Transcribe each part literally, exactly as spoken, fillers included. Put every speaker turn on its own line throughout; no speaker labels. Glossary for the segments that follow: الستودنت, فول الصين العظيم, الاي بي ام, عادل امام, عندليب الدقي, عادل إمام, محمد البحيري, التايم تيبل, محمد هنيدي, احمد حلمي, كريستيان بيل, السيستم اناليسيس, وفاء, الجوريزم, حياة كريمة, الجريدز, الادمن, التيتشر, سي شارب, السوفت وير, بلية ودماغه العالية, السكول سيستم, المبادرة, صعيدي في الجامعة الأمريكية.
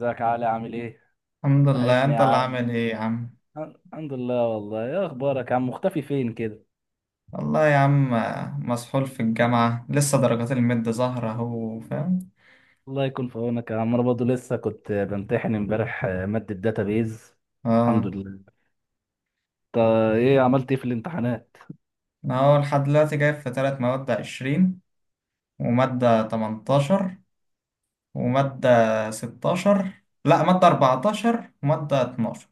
ازيك يا علي عامل ايه؟
الحمد لله،
وحشني يا
انت اللي
عم.
عامل ايه يا عم؟
ال- الحمد لله. والله ايه اخبارك يا عم، مختفي فين كده؟
والله يا عم، آه، مسحول في الجامعة، لسه درجات المد ظاهرة اهو، فاهم؟
الله يكون في عونك يا عم، انا برضه لسه كنت بمتحن امبارح، آه، مادة داتابيز. الحمد
اه.
لله. طب، ايه عملت ايه في الامتحانات؟
انا هو لحد دلوقتي جايب في تلات مواد عشرين، ومادة تمنتاشر، ومادة ستاشر، لا مادة أربعتاشر، ومادة اتناشر.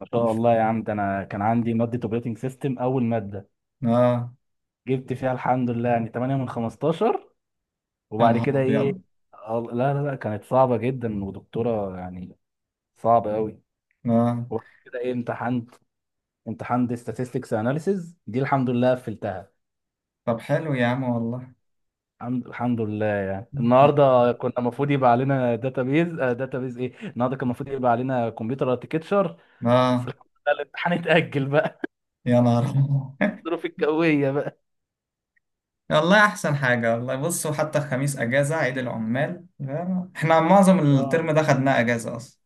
ما شاء
مش-
الله يا عم، ده انا كان عندي مادة اوبريتنج سيستم اول مادة،
اه.
جبت فيها الحمد لله يعني ثمانية من خمستاشر.
يا
وبعد
نهار
كده ايه؟
أبيض.
ال- لا لا لا كانت صعبة جدا ودكتورة يعني صعبة قوي.
اه.
وبعد كده ايه امتحنت، امتحان دي statistics analysis، دي الحمد لله قفلتها.
طب حلو يا عم والله.
الحمد الحمد لله. يعني النهارده كنا المفروض يبقى علينا داتابيز. داتابيز ايه، النهارده كان المفروض يبقى علينا كمبيوتر اركتشر. بس
اه.
الحمد لله الامتحان اتأجل بقى.
يا نهار أبيض.
الظروف الجوية بقى.
والله احسن حاجه والله. بصوا، حتى الخميس اجازه عيد العمال فاهم؟ احنا معظم
اه.
الترم ده خدناه اجازه اصلا.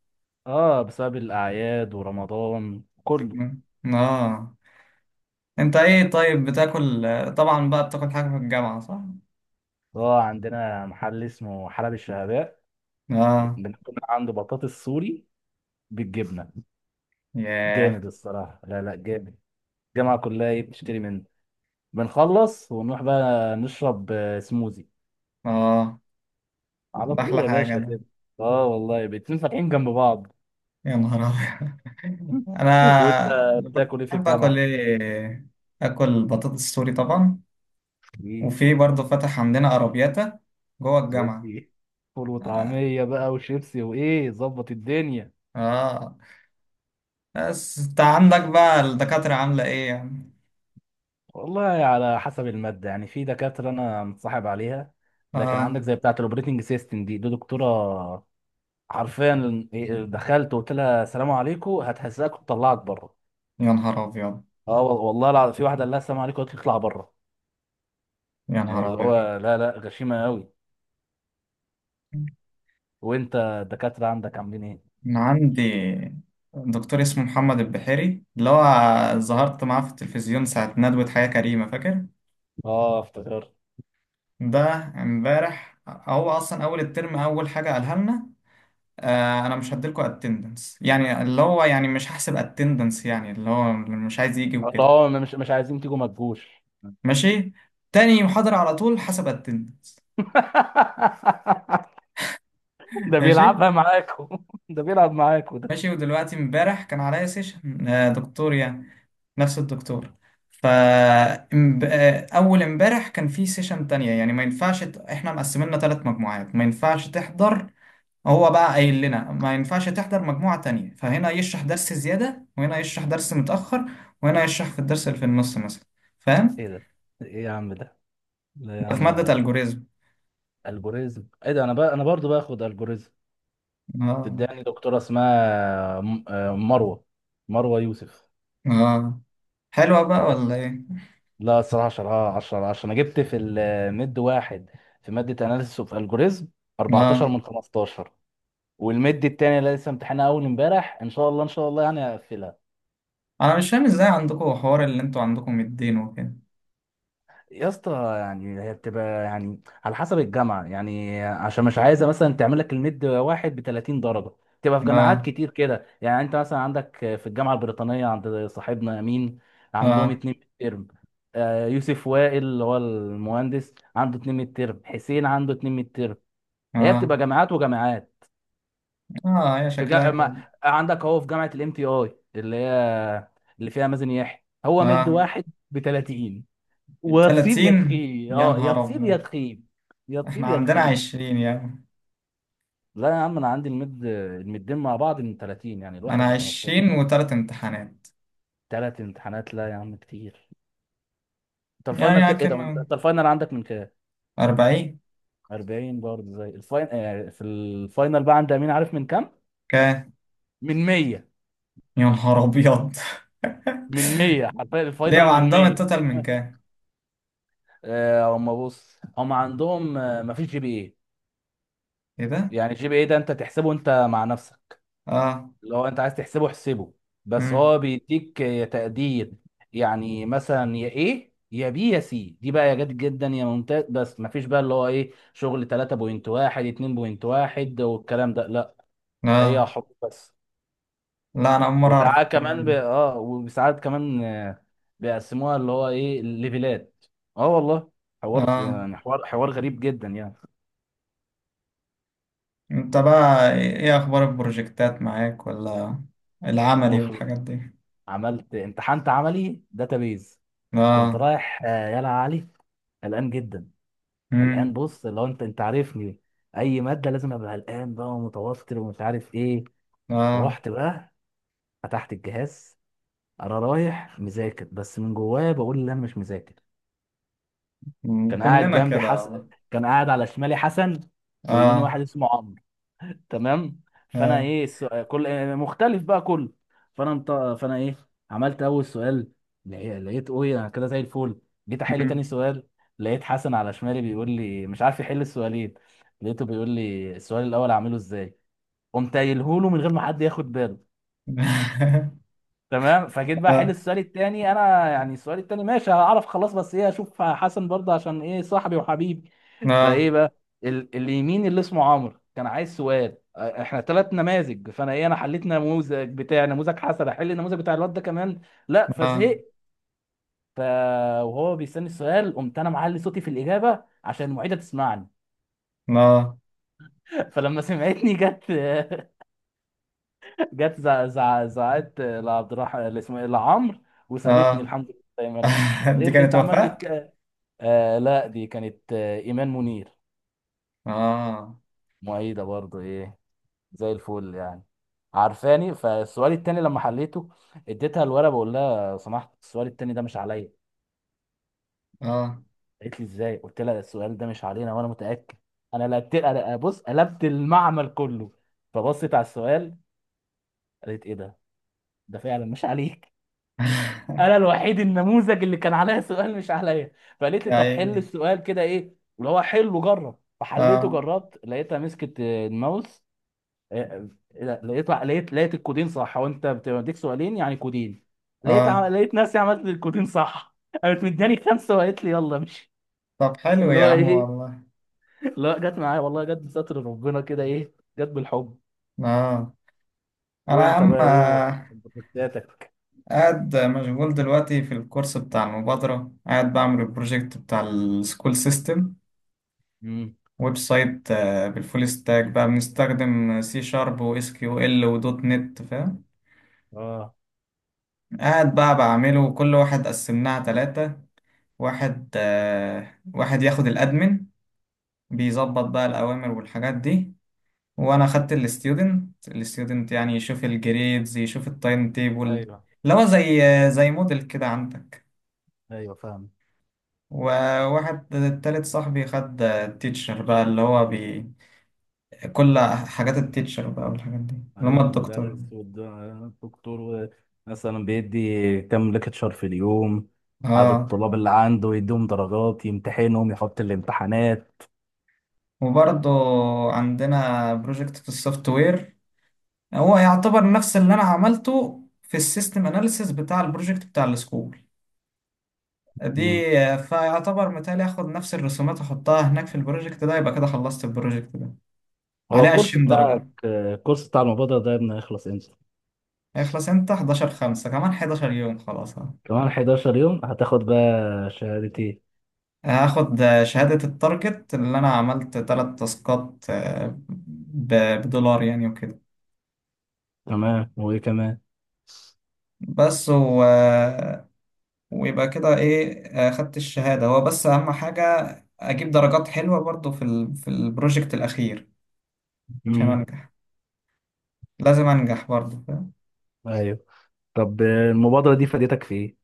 اه، بسبب الأعياد ورمضان كله.
مم. اه. انت ايه طيب، بتاكل؟ طبعا بقى بتاكل حاجه في الجامعه صح؟
اه، عندنا محل اسمه حلب الشهباء.
اه.
بناكل عنده بطاطس سوري بالجبنة.
ياه.
جامد الصراحة، لا لا جامد. الجامعة كلها ايه بتشتري منه. بنخلص ونروح بقى نشرب آه، سموزي
اه.
على
ده
طول
احلى
يا
حاجه
باشا
ده.
كده. اه والله الاتنين فاتحين جنب بعض.
يا نهار ابيض.
وانت
انا
بتاكل ايه في
بحب اكل
الجامعه؟
ايه؟ اكل بطاطس سوري طبعا.
ايه؟
وفي برضه فتح عندنا ارابياتا جوه الجامعه.
يدي فول
اه.
وطعميه بقى وشيبسي وايه ظبط الدنيا.
آه. بس انت عندك بقى الدكاترة عاملة ايه يعني؟
والله على حسب الماده، يعني في دكاتره انا متصاحب عليها، لكن عندك
آه.
زي بتاعه الاوبريتنج سيستم دي دي دكتوره حرفيا، إيه، دخلت وقلت لها السلام عليكم هتهزقك وتطلعك بره.
يا نهار أبيض.
اه، وال- والله العظيم في واحده قال لها السلام عليكم قالت لي اطلع بره.
يا
يعني
نهار
اللي
أبيض.
هو لا لا غشيمه قوي. وانت الدكاتره عندك عاملين ايه؟
أنا عندي دكتور اسمه محمد البحيري، اللي هو ظهرت معاه في التلفزيون ساعة ندوة حياة كريمة، فاكر؟
اه افتكرت.
ده امبارح هو أصلا أول الترم أول حاجة قالها لنا: آه أنا مش هديلكوا اتندنس، يعني اللي هو يعني مش هحسب اتندنس، يعني اللي هو مش عايز يجي وكده.
الله، ما- مش مش عايزين تيجوا ما تجوش.
ماشي؟ تاني محاضرة على طول حسب اتندنس.
ده
ماشي؟
بيلعبها معاكم. ده بيلعب معاكم ده.
ماشي. ودلوقتي امبارح كان عليا سيشن آه دكتور، يعني نفس الدكتور. فأول امبارح كان في سيشن تانية، يعني ما ينفعش ت- احنا مقسميننا ثلاث مجموعات، ما ينفعش تحضر. هو بقى قايل لنا ما ينفعش تحضر مجموعة تانية، فهنا يشرح درس زيادة، وهنا يشرح درس متأخر، وهنا يشرح في الدرس اللي في النص مثلا. فاهم؟
ايه ده؟ ايه يا عم ده! لا يا
ده في
عم.
مادة الجوريزم.
الجوريزم ايه ده، انا بقى انا برضو باخد الجوريزم.
اه.
تداني دكتوره اسمها م- آه، مروه، مروه يوسف.
اه. حلوة بقى ولا ايه؟
لا الصراحه عشرة عشرة عشرة، انا جبت في المد واحد في ماده اناليسيس اوف الجوريزم
اه.
اربعتاشر من خمستاشر. والمد التاني اللي لسه امتحانها اول امبارح ان شاء الله ان شاء الله يعني هقفلها.
انا مش فاهم ازاي عندكم حوار، اللي انتوا عندكم الدين وكده.
يا اسطى، يعني هي بتبقى يعني على حسب الجامعه يعني، عشان مش عايزه مثلا تعمل لك الميد واحد ب تلاتين درجه. تبقى في جامعات
اه.
كتير كده، يعني انت مثلا عندك في الجامعه البريطانيه عند صاحبنا امين عندهم
اه.
اتنين ميد ترم. آه، يوسف وائل اللي هو المهندس عنده اتنين ميد ترم، حسين عنده اتنين ميد ترم. هي
اه.
بتبقى جامعات وجامعات.
اه. هي
في
شكلها
جا...
كده.
ما... عندك اهو في جامعه الام تي اي اللي هي اللي فيها مازن يحيى هو ميد
اه.
واحد ب تلاتين. وتصيب يا
ثلاثين؟
تخيب
يا
اه يا
نهار
تصيب يا
أبيض.
تخيب، يا
إحنا
تصيب يا
عندنا
تخيب.
عشرين يعني.
لا يا عم، انا عندي المد المدين مع بعض من ثلاثين، يعني
أنا
الواحد ب خمسة عشر.
عشرين وتلات امتحانات
ثلاث امتحانات، لا يا عم كتير. انت
يعني،
الفاينل كده ايه ده، انت
لكن
أنت الفاينل عندك من كام؟
أربعين؟
اربعين برضه، زي الفاين آه في الفاينل بقى عند امين، عارف من كام؟
كام؟
من ميه.
يا نهار أبيض.
من ميه حرفيا،
ليه،
الفاينل من
وعندهم
ميه.
التوتال من كام؟
آه، هم بص هم عندهم، آه، مفيش جي بي اي.
إيه ده؟
يعني الجي بي اي ده انت تحسبه انت مع نفسك.
آه.
لو انت عايز تحسبه احسبه، بس
مم.
هو بيديك يا تقدير. يعني مثلا يا ايه، يا بي، يا سي، دي بقى، يا جد جدا يا ممتاز، بس مفيش بقى اللي هو ايه شغل تلاتة فاصلة واحد اتنين فاصلة واحد والكلام ده، لا.
آه.
هي حب بس.
لا، أنا أول مرة أعرف
وساعات
الكلام
كمان ب...
ده.
اه وساعات كمان آه، بيقسموها اللي هو ايه ليفلات. اه والله، حوار
آه.
يعني حوار حوار غريب جدا يعني.
أنت بقى إيه إيه أخبار البروجكتات معاك، ولا العملي
المفروض،
والحاجات دي؟
عملت امتحنت عملي داتابيز. كنت
آه.
رايح، آه، يلا يا علي، قلقان جدا. قلقان،
مم.
بص لو انت انت عارفني، اي ماده لازم ابقى قلقان بقى ومتوتر ومش عارف ايه.
آه.
رحت بقى فتحت الجهاز، انا رايح مذاكر بس من جوايا بقول ان انا مش مذاكر.
مم.
كان قاعد
كلنا
جنبي
كده
حس...
والله.
كان قاعد على شمالي حسن، ويميني
آه.
واحد اسمه عمرو. تمام. فانا
آه.
ايه السؤال كل آه، مختلف بقى كله. فانا مط... فانا ايه، عملت اول سؤال، لقي- لقيت اوي انا كده زي الفل. جيت احل تاني سؤال، لقيت حسن على شمالي بيقول لي مش عارف يحل السؤالين، لقيته بيقول لي السؤال الاول اعمله ازاي. قمت قايله له من غير ما حد ياخد باله. تمام، فجيت بقى احل
آه.
السؤال التاني انا، يعني السؤال التاني ماشي هعرف خلاص، بس ايه اشوف حسن برضه عشان ايه صاحبي وحبيبي.
آه.
فايه بقى، ال- اليمين اللي اسمه عمرو كان عايز سؤال، اه، احنا ثلاث نماذج، فانا ايه، انا حليت نموذج بتاع نموذج حسن، احل النموذج بتاع الواد ده كمان، لا
آه.
فزهقت. ف وهو بيستني السؤال قمت انا معلي صوتي في الاجابه عشان المعيده تسمعني.
آه.
فلما سمعتني جت. جت زع- زع- زعقت لعبد الرحمن اللي اسمه ايه، لعمرو، وسابتني
آه.
الحمد لله زي ما انا.
دي
قالت لي
كانت
انت عملت
وفاء؟
الك... آه لا دي كانت آه ايمان منير،
آه.
معيده برضو ايه، زي الفل يعني، عارفاني. فالسؤال التاني لما حليته اديتها الورقه بقول لها لو سمحت السؤال التاني ده مش عليا.
آه.
قالت لي ازاي، قلت لها السؤال ده مش علينا وانا متاكد، انا لقيت، أنا- بص قلبت المعمل كله. فبصت على السؤال قالت ايه ده، ده فعلا مش عليك. انا الوحيد النموذج اللي كان عليا سؤال مش عليا. فقالت لي
يا
طب حل
عيني.
السؤال كده ايه اللي هو، حل وجرب، فحليته
آه.
جربت لقيتها مسكت آه، الماوس. آه، آه، لقيت لقيت لقيت الكودين صح، هو انت بتديك سؤالين يعني كودين. لقيت عم...
آه.
لقيت نفسي عملت الكودين صح. قامت مداني خمسه وقالت لي يلا، مش
طب حلو
اللي
يا
هو
عم
ايه،
والله.
اللي هو جت معايا والله، جت بستر ربنا كده ايه، جت بالحب.
آه. أنا يا
وانت
عم،
بقى ايه،
آه،
انت كنتاتك؟
قاعد مشغول دلوقتي في الكورس بتاع المبادرة، قاعد بعمل البروجكت بتاع السكول سيستم،
امم.
ويب سايت، آه، بالفول ستاك بقى، بنستخدم سي شارب واس كيو ال ودوت نت، فاهم؟
اه،
قاعد بقى بعمله، وكل واحد قسمناها تلاتة. واحد آه واحد ياخد الادمن، بيظبط بقى الاوامر والحاجات دي. وانا خدت الستودنت الستودنت، يعني يشوف الجريدز، يشوف التايم تيبل.
ايوه
اللي هو زي زي موديل كده عندك.
ايوه فاهم.
وواحد تالت صاحبي خد التيتشر بقى، اللي هو بي كل حاجات التيتشر بقى، والحاجات دي، اللي هم
ايوه،
الدكتور.
المدرس والدكتور مثلا بيدي كام ليكتشر في اليوم، عدد
اه.
الطلاب اللي عنده، يديهم درجات، يمتحنهم، يحط الامتحانات.
وبرضه عندنا بروجكت في السوفت وير، هو يعتبر نفس اللي انا عملته في السيستم اناليسيس بتاع البروجكت بتاع السكول دي.
مم.
فيعتبر متهيألي اخد نفس الرسومات احطها هناك في البروجكت ده، يبقى كده خلصت البروجكت ده.
هو
عليه
الكورس
عشرين
بتاعك،
درجة.
الكورس بتاع المبادرة ده ابني هيخلص امتى؟
هيخلص امتى؟ حداشر خمسة، كمان حداشر يوم خلاص أهو.
كمان حداشر يوم هتاخد بقى شهادتين.
هاخد شهادة التارجت اللي انا عملت تلات تاسكات، آه، ب- بدولار يعني وكده.
تمام، وايه كمان؟
بس و... ويبقى كده ايه، آه، خدت الشهادة هو بس اهم حاجة. اجيب درجات حلوة برضو في ال... في البروجكت الاخير، عشان
مم.
انجح. لازم انجح برضو.
ايوه. طب المبادرة دي فادتك في ايه؟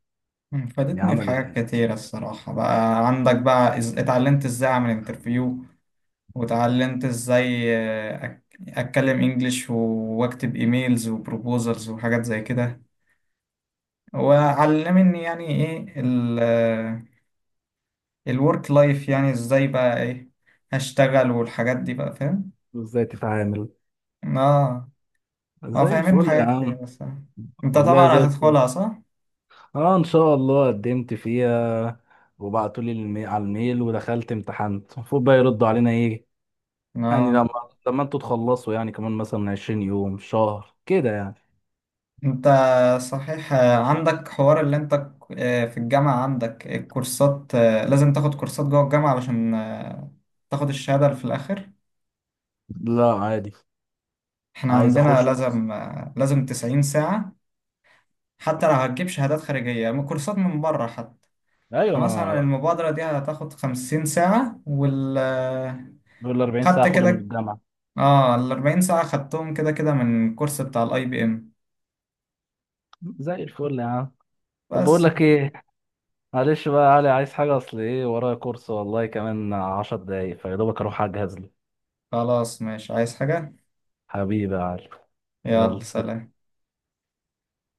مم،
يعني
فادتني في
عمل إيه
حاجات
يعني؟
كتيرة الصراحة، بقى عندك بقى إز... اتعلمت ازاي اعمل انترفيو. واتعلمت ازاي آه، أك... اتكلم انجليش و... واكتب ايميلز وبروبوزلز وحاجات زي كده. وعلمني يعني ايه ال... آه، الورك لايف، يعني ازاي بقى ايه هشتغل والحاجات دي بقى، فاهم؟
ازاي تتعامل؟
اه. اه
زي
فاهمين
الفل يا
حاجات كتير
عم.
الصراحة. انت
والله زي
طبعا
الفل.
هتدخلها صح؟
اه ان شاء الله قدمت فيها، وبعتوا لي المي... على الميل، ودخلت امتحنت، المفروض بقى يردوا علينا ايه يعني،
اه.
لما لما انتوا تخلصوا يعني، كمان مثلا عشرين يوم، شهر كده يعني.
انت صحيح عندك حوار اللي انت في الجامعة عندك الكورسات، لازم تاخد كورسات جوه الجامعة علشان آه، تاخد الشهادة اللي في الآخر.
لا عادي،
احنا
عايز
عندنا
اخش كورس.
لازم آه، لازم تسعين ساعة، حتى لو هتجيب شهادات خارجية من كورسات من بره حتى.
ايوه،
فمثلا
ما
المبادرة دي هتاخد خمسين ساعة، وال آه،
دول اربعين ساعه
خدت
اخدهم من
كده.
الجامعه.
اه ال أربعين ساعة خدتهم كده كده من الكورس بتاع الاي بي ام.
زي الفل يا عم. طب بقول
بس.
لك ايه، معلش بقى يا علي، عايز حاجه؟ اصل ايه، ورايا كورس والله، كمان عشر دقايق فيا دوبك اروح اجهز له.
خلاص ماشي، عايز حاجة؟
حبيبي يا علي.
يلا
يلا سلام.
سلام.